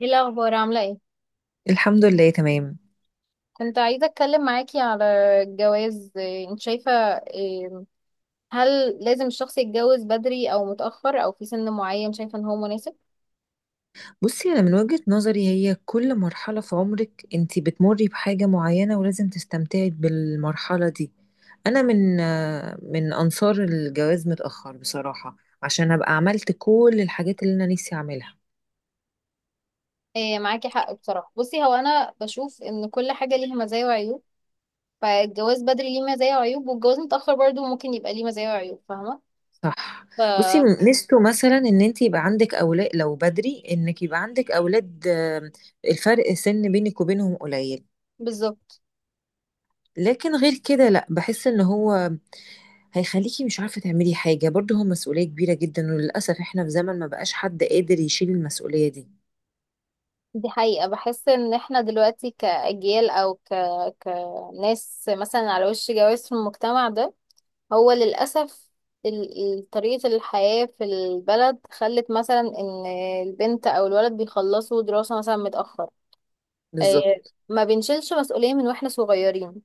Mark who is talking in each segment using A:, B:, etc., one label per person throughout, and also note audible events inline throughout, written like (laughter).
A: ايه الاخبار عامله ايه؟
B: الحمد لله، تمام.
A: كنت عايزه اتكلم معاكي على الجواز. انت شايفه إيه، هل لازم الشخص يتجوز بدري او متاخر او في سن معين شايفه ان هو مناسب؟
B: بصي انا من وجهة نظري، هي كل مرحلة في عمرك انت بتمري بحاجة معينة، ولازم تستمتعي بالمرحلة دي. انا من انصار الجواز متأخر بصراحة، عشان ابقى عملت كل الحاجات اللي انا نفسي اعملها.
A: معاكي حق بصراحه. بصي، هو انا بشوف ان كل حاجه ليها مزايا وعيوب. فالجواز بدري ليه مزايا وعيوب، والجواز متاخر برضو ممكن يبقى ليه مزايا وعيوب، فاهمه؟
B: صح.
A: ف
B: بصي ميزته مثلا ان انت يبقى عندك اولاد، لو بدري انك يبقى عندك اولاد الفرق سن بينك وبينهم قليل،
A: بالظبط.
B: لكن غير كده لا، بحس ان هو هيخليكي مش عارفة تعملي حاجة. برضه هو مسؤولية كبيرة جدا، وللأسف احنا في زمن ما بقاش حد قادر يشيل المسؤولية دي.
A: دي حقيقه، بحس ان احنا دلوقتي كاجيال او كناس مثلا على وش جواز في المجتمع ده. هو للأسف طريقة الحياة في البلد خلت مثلا إن البنت أو الولد بيخلصوا دراسة مثلا متأخر. آه،
B: بالظبط.
A: ما بنشيلش مسؤولية من واحنا صغيرين.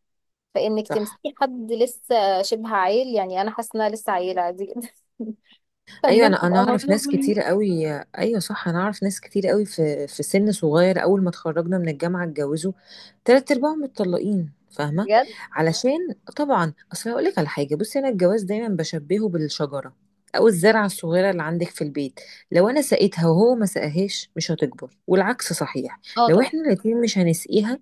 A: فإنك
B: صح.
A: تمسكي حد لسه شبه عيل، يعني أنا حاسة إن أنا لسه عيلة عادي جدا (laughs) فإن
B: ايوه،
A: أنا
B: انا
A: أبقى
B: اعرف
A: مطلوب
B: ناس
A: مني.
B: كتير قوي. ايوه صح، انا اعرف ناس كتير قوي في سن صغير، اول ما اتخرجنا من الجامعه اتجوزوا، تلات ارباعهم متطلقين، فاهمه.
A: بجد.
B: علشان طبعا، اصل هقول لك على حاجه. بصي، انا الجواز دايما بشبهه بالشجره، او الزرعه الصغيره اللي عندك في البيت. لو انا سقيتها وهو ما سقاهاش مش هتكبر، والعكس صحيح.
A: اه،
B: لو
A: طبعا.
B: احنا الاتنين مش هنسقيها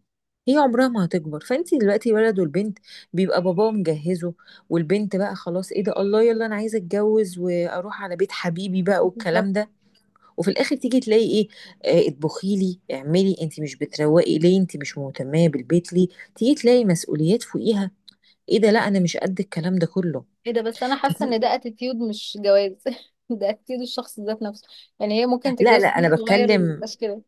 B: هي عمرها ما هتكبر. فانت دلوقتي الولد والبنت بيبقى باباه مجهزه، والبنت بقى خلاص، ايه ده، الله يلا انا عايزه اتجوز واروح على بيت حبيبي بقى
A: بالظبط.
B: والكلام ده. وفي الاخر تيجي تلاقي ايه؟ اطبخي لي، اعملي، انت مش بتروقي ليه، انت مش مهتمه بالبيت ليه. تيجي تلاقي مسؤوليات فوقيها. ايه ده، لا انا مش قد الكلام ده كله.
A: ايه ده، بس أنا
B: (laughs)
A: حاسة
B: فتي-
A: إن ده اتيتيود مش جواز. (laughs) ده اتيتيود الشخص ذات نفسه، يعني هي ممكن
B: لا
A: تتجوز
B: لا
A: سن
B: انا
A: صغير
B: بتكلم.
A: وميبقاش كده.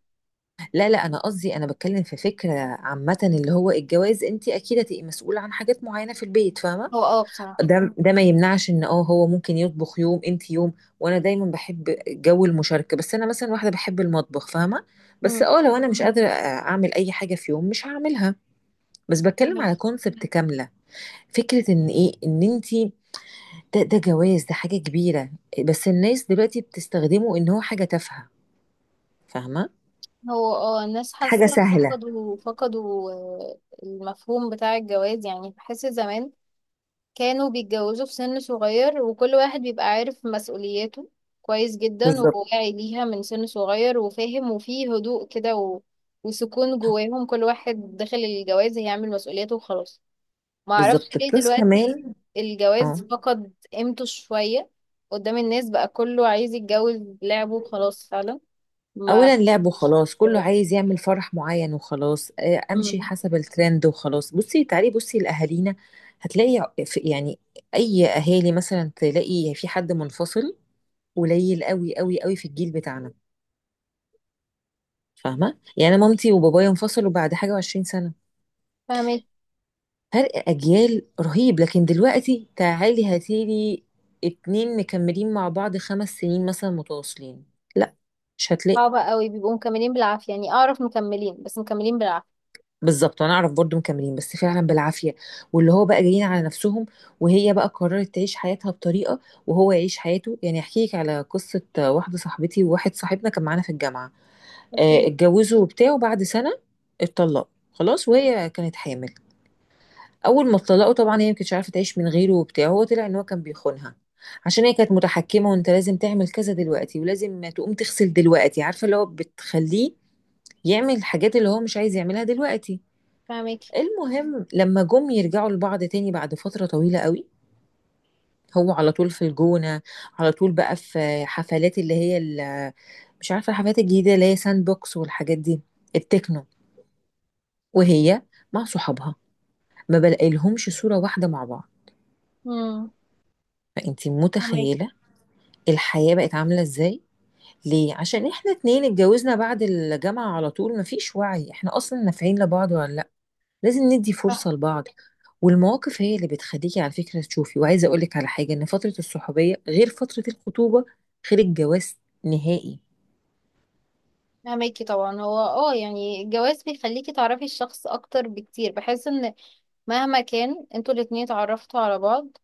B: لا لا انا قصدي، انا بتكلم في فكره عامه، اللي هو الجواز انت اكيد هتبقي مسؤوله عن حاجات معينه في البيت، فاهمه.
A: هو بصراحة.
B: ده ما يمنعش ان هو ممكن يطبخ يوم انت يوم. وانا دايما بحب جو المشاركه، بس انا مثلا واحده بحب المطبخ، فاهمه. بس
A: مم.
B: لو انا مش قادره اعمل اي حاجه في يوم مش هعملها. بس بتكلم على كونسبت كامله، فكره ان ايه ان انت ده جواز، ده حاجه كبيره، بس الناس دلوقتي بتستخدمه ان هو حاجه تافهه، فاهمه؟
A: هو الناس
B: حاجه
A: حاسة
B: سهله.
A: فقدوا المفهوم بتاع الجواز. يعني بحس زمان كانوا بيتجوزوا في سن صغير، وكل واحد بيبقى عارف مسؤولياته كويس جدا،
B: بالظبط،
A: وواعي ليها من سن صغير، وفاهم، وفيه هدوء كده وسكون جواهم. كل واحد داخل الجواز هيعمل مسؤولياته وخلاص. ما اعرفش ليه
B: بالظبط بلس
A: دلوقتي
B: كمان. اه.
A: الجواز فقد قيمته شوية قدام الناس. بقى كله عايز يتجوز لعبه وخلاص فعلا. ما
B: اولا لعب وخلاص، كله عايز يعمل فرح معين وخلاص، امشي
A: مم.
B: حسب الترند وخلاص. بصي تعالي، بصي لاهالينا، هتلاقي يعني اي اهالي مثلا، تلاقي في حد منفصل قليل قوي قوي قوي في الجيل بتاعنا، فاهمه. يعني أنا مامتي وبابايا انفصلوا بعد حاجه وعشرين سنه،
A: فاهمك.
B: فرق اجيال رهيب. لكن دلوقتي تعالي هاتيلي اتنين مكملين مع بعض 5 سنين مثلا متواصلين، لا مش هتلاقي.
A: صعبة قوي، بيبقوا مكملين بالعافية. يعني أعرف مكملين، بس مكملين بالعافية.
B: بالظبط، انا اعرف برضو مكملين، بس فعلا بالعافيه، واللي هو بقى جايين على نفسهم، وهي بقى قررت تعيش حياتها بطريقه، وهو يعيش حياته. يعني احكي لك على قصه، واحده صاحبتي وواحد صاحبنا كان معانا في الجامعه،
A: أوكي.
B: اتجوزوا وبتاع، وبعد سنه اتطلقوا خلاص، وهي كانت حامل. اول ما اتطلقوا طبعا، هي ما كانتش عارفه تعيش من غيره وبتاع، هو طلع ان هو كان بيخونها، عشان هي كانت متحكمه، وانت لازم تعمل كذا دلوقتي، ولازم تقوم تغسل دلوقتي، عارفه اللي هو بتخليه يعمل الحاجات اللي هو مش عايز يعملها دلوقتي.
A: فاهمك.
B: المهم، لما جم يرجعوا لبعض تاني بعد فترة طويلة قوي، هو على طول في الجونة، على طول بقى في حفلات اللي هي مش عارفة، الحفلات الجديدة اللي هي ساند بوكس والحاجات دي، التكنو. وهي مع صحابها، ما بلاقيلهمش صورة واحدة مع بعض.
A: امم.
B: فانتي
A: فاهمك.
B: متخيلة الحياة بقت عاملة ازاي، ليه؟ عشان احنا اتنين اتجوزنا بعد الجامعة على طول، مفيش وعي، احنا اصلا نافعين لبعض ولا لازم ندي
A: صح.
B: فرصة لبعض. والمواقف هي اللي بتخليكي على فكرة تشوفي. وعايزة أقولك على حاجة، إن فترة الصحوبية غير فترة الخطوبة، غير الجواز نهائي.
A: فاهمك طبعا. هو يعني الجواز بيخليكي تعرفي الشخص أكتر بكتير. بحس إن مهما كان انتوا الاتنين اتعرفتوا على بعض،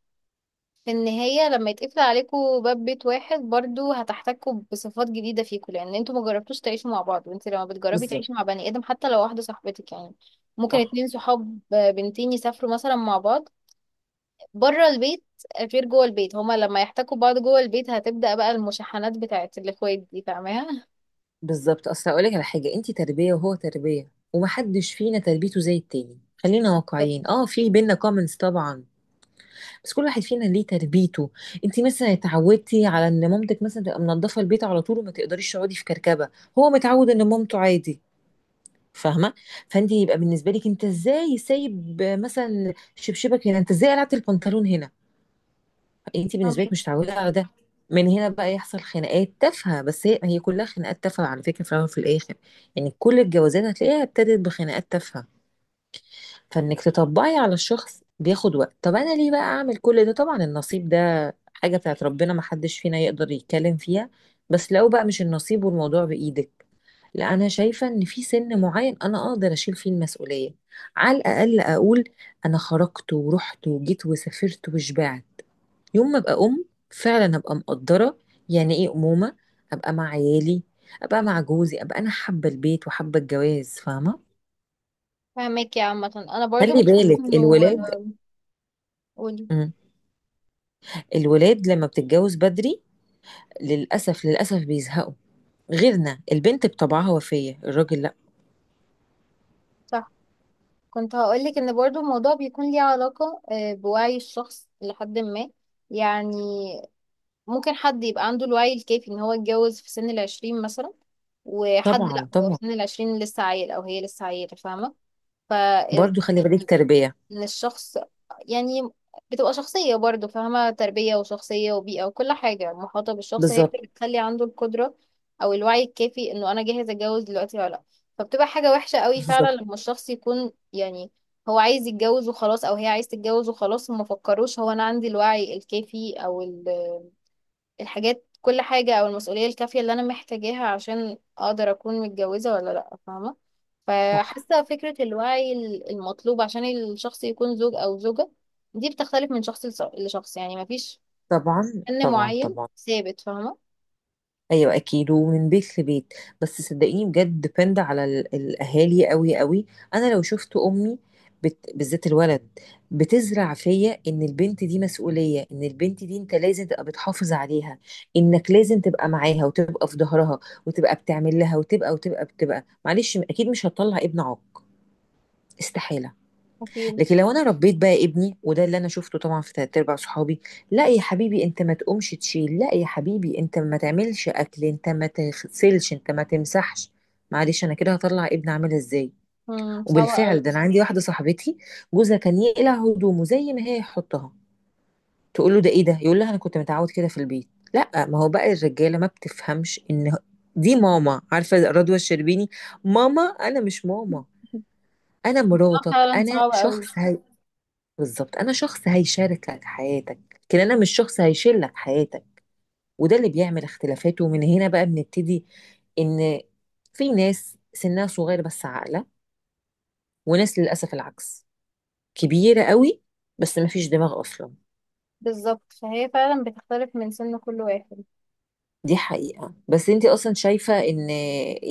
A: في النهاية لما يتقفل عليكوا باب بيت واحد برضو هتحتكوا بصفات جديدة فيكوا، لأن انتوا مجربتوش تعيشوا مع بعض. وانت لما بتجربي
B: بالظبط.
A: تعيشي مع بني آدم، حتى لو واحدة صاحبتك يعني، ممكن
B: صح.
A: اتنين صحاب بنتين يسافروا مثلا مع بعض بره البيت، غير جوه البيت. هما لما يحتكوا بعض جوه البيت، هتبدأ بقى المشاحنات بتاعت الاخوات دي، فاهمها؟
B: بالظبط، أصل أقولك على حاجة، أنتي تربية وهو تربية ومحدش فينا تربيته زي التاني. خلينا
A: طب.
B: واقعيين، في بينا كومنتس طبعا، بس كل واحد فينا ليه تربيته. انتي مثلا اتعودتي على ان مامتك مثلا تبقى منضفه البيت على طول وما تقدريش تقعدي في كركبه، هو متعود ان مامته عادي، فاهمه؟ فانت يبقى بالنسبه لك انت ازاي سايب مثلا شبشبك هنا، انت ازاي قلعت البنطلون هنا، انت بالنسبه لك
A: فاهمك.
B: مش متعوده على ده. من هنا بقى يحصل خناقات تافهه، بس هي كلها خناقات تافهه على فكره، في الاول وفي الاخر. يعني كل الجوازات هتلاقيها ابتدت بخناقات تافهه، فانك تطبقي على الشخص بياخد وقت. طب انا ليه بقى اعمل كل ده، طبعا النصيب ده حاجه بتاعت ربنا، ما حدش فينا يقدر يتكلم فيها. بس لو بقى مش النصيب والموضوع بايدك، لا انا شايفه ان في سن معين انا اقدر اشيل فيه المسؤوليه. على الاقل اقول انا خرجت ورحت وجيت وسافرت وشبعت. يوم ما ابقى ام، فعلا ابقى مقدره يعني ايه امومه، ابقى مع عيالي، ابقى مع جوزي، ابقى انا حابه البيت وحابه الجواز، فاهمه.
A: فاهمك يا عامة، انا برضو
B: خلي
A: بشوف
B: بالك
A: انه.
B: الولاد.
A: قولي.
B: مم. الولاد لما بتتجوز بدري للاسف، للاسف بيزهقوا، غيرنا البنت بطبعها، وفيه الراجل لا.
A: صح. كنت هقولك ان برضو الموضوع بيكون ليه علاقة بوعي الشخص لحد ما، يعني ممكن حد يبقى عنده الوعي الكافي ان هو يتجوز في سن العشرين مثلا، وحد لا،
B: طبعا
A: هو في
B: طبعا.
A: سن العشرين لسه عيل، او هي لسه عيلة، فاهمة؟ ف
B: برضو خلي بالك تربيه.
A: للشخص، يعني بتبقى شخصية، برضو فاهمة، تربية وشخصية وبيئة وكل حاجة محاطة بالشخص هي
B: بالظبط.
A: اللي بتخلي عنده القدرة أو الوعي الكافي إنه أنا جاهز أتجوز دلوقتي ولا لأ. فبتبقى حاجة وحشة قوي فعلا
B: بالظبط.
A: لما الشخص يكون، يعني، هو عايز يتجوز وخلاص أو هي عايز تتجوز وخلاص، وما فكروش هو أنا عندي الوعي الكافي أو الحاجات، كل حاجة، أو المسؤولية الكافية اللي أنا محتاجاها عشان أقدر أكون متجوزة ولا لأ، فاهمة؟
B: صح.
A: فحاسة فكرة الوعي المطلوب عشان الشخص يكون زوج أو زوجة دي بتختلف من شخص لشخص، يعني مفيش
B: طبعا
A: فن
B: طبعا
A: معين
B: طبعا.
A: ثابت، فاهمة؟
B: ايوه اكيد، ومن بيت لبيت. بس صدقيني بجد، ديبند على الاهالي قوي قوي. انا لو شفت امي بالذات الولد، بتزرع فيا ان البنت دي مسؤوليه، ان البنت دي انت لازم تبقى بتحافظ عليها، انك لازم تبقى معاها، وتبقى في ظهرها، وتبقى بتعمل لها، وتبقى بتبقى، معلش، اكيد مش هتطلع ابن عاق، استحاله.
A: أكيد.
B: لكن لو انا ربيت بقى ابني، وده اللي انا شفته طبعا في تلات ارباع صحابي، لا يا حبيبي انت ما تقومش تشيل، لا يا حبيبي انت ما تعملش اكل، انت ما تغسلش، انت ما تمسحش، معلش، انا كده هطلع ابني عامل ازاي.
A: مم، صعبة
B: وبالفعل
A: أوي.
B: ده، انا عندي واحده صاحبتي جوزها كان يقلع هدومه زي ما هي يحطها، تقول له ده ايه ده، يقول لها انا كنت متعود كده في البيت. لا، ما هو بقى الرجاله ما بتفهمش ان دي ماما، عارفه رضوى الشربيني، ماما انا مش ماما، انا مراتك،
A: فعلا
B: انا
A: صعبة أوي.
B: شخص. بالظبط، انا شخص هيشارك لك حياتك، لكن انا مش شخص هيشيل لك حياتك. وده اللي بيعمل اختلافات، ومن هنا بقى بنبتدي، ان في ناس سنها صغير بس عاقله، وناس للاسف العكس، كبيره قوي بس ما فيش دماغ اصلا.
A: بالظبط. فهي فعلا بتختلف من سن كل واحد.
B: دي حقيقه. بس انت اصلا شايفه ان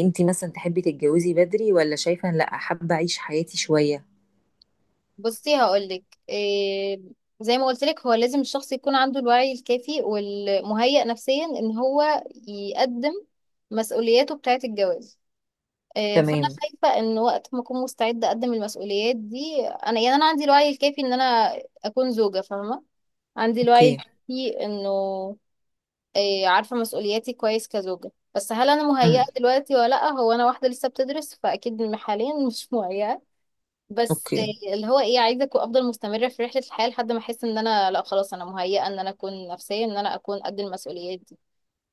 B: انت مثلا تحبي تتجوزي بدري، ولا شايفه إن لا، حابه اعيش حياتي شويه؟
A: بصي، هقولك إيه. زي ما قلت لك، هو لازم الشخص يكون عنده الوعي الكافي والمهيأ نفسيا ان هو يقدم مسؤولياته بتاعة الجواز. فانا
B: تمام.
A: شايفة ان وقت ما اكون مستعدة اقدم المسؤوليات دي انا، يعني انا عندي الوعي الكافي ان انا اكون زوجة، فاهمة؟ عندي الوعي
B: اوكي.
A: الكافي انه عارفة مسؤولياتي كويس كزوجة، بس هل انا مهيئة
B: امم.
A: دلوقتي ولا لا؟ هو انا واحدة لسه بتدرس، فاكيد حاليا مش مهيئة. بس
B: اوكي.
A: اللي هو ايه، عايزه افضل مستمره في رحله الحياه لحد ما احس ان انا لا، خلاص انا مهيئه ان انا اكون نفسيا، ان انا اكون قد المسؤوليات دي،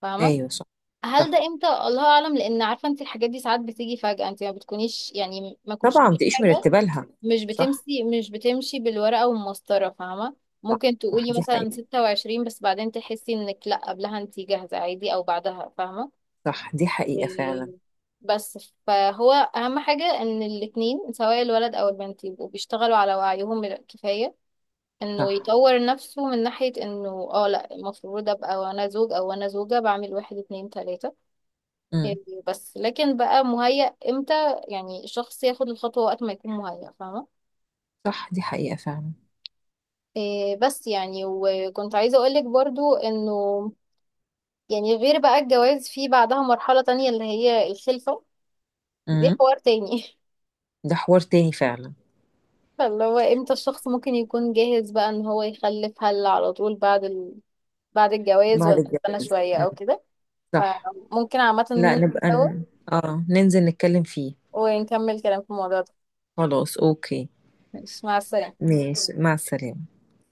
A: فاهمه؟
B: ايوه صح.
A: هل ده
B: صح
A: امتى الله اعلم، لان عارفه انت الحاجات دي ساعات بتيجي فجاه. انت ما بتكونيش يعني ما كنتش
B: طبعا، ما
A: في
B: تبقيش
A: حاجه.
B: مرتبه لها.
A: مش
B: صح.
A: بتمشي مش بتمشي بالورقه والمسطره، فاهمه؟
B: صح.
A: ممكن
B: صح
A: تقولي
B: دي
A: مثلا
B: حقيقه.
A: 26، بس بعدين تحسي انك لا، قبلها انت جاهزه عادي او بعدها، فاهمه؟
B: صح دي حقيقة فعلا.
A: إيه، بس فهو اهم حاجة ان الاتنين سواء الولد او البنت يبقوا بيشتغلوا على وعيهم الكفاية، انه
B: صح.
A: يطور نفسه من ناحية انه لا المفروض ابقى وانا زوج او وانا زوجة بعمل واحد اتنين تلاتة. إيه،
B: امم.
A: بس لكن بقى مهيأ امتى؟ يعني الشخص ياخد الخطوة وقت ما يكون مهيأ، فاهمة؟
B: صح دي حقيقة فعلا.
A: بس يعني وكنت عايزة اقولك برضو انه، يعني، غير بقى الجواز، في بعدها مرحلة تانية اللي هي الخلفة. دي
B: امم.
A: حوار تاني (laughs)
B: ده حوار تاني فعلا.
A: اللي هو امتى الشخص ممكن يكون جاهز بقى ان هو يخلف؟ هل على طول بعد بعد الجواز،
B: بعد
A: ولا
B: الجد.
A: استنى شوية
B: امم.
A: او كده؟
B: صح.
A: فممكن عامة
B: لا، نبقى
A: نتسوق
B: اه ننزل نتكلم فيه.
A: ونكمل كلام في الموضوع ده.
B: خلاص اوكي.
A: ماشي، مع السلامة.
B: ماشي مع السلامة.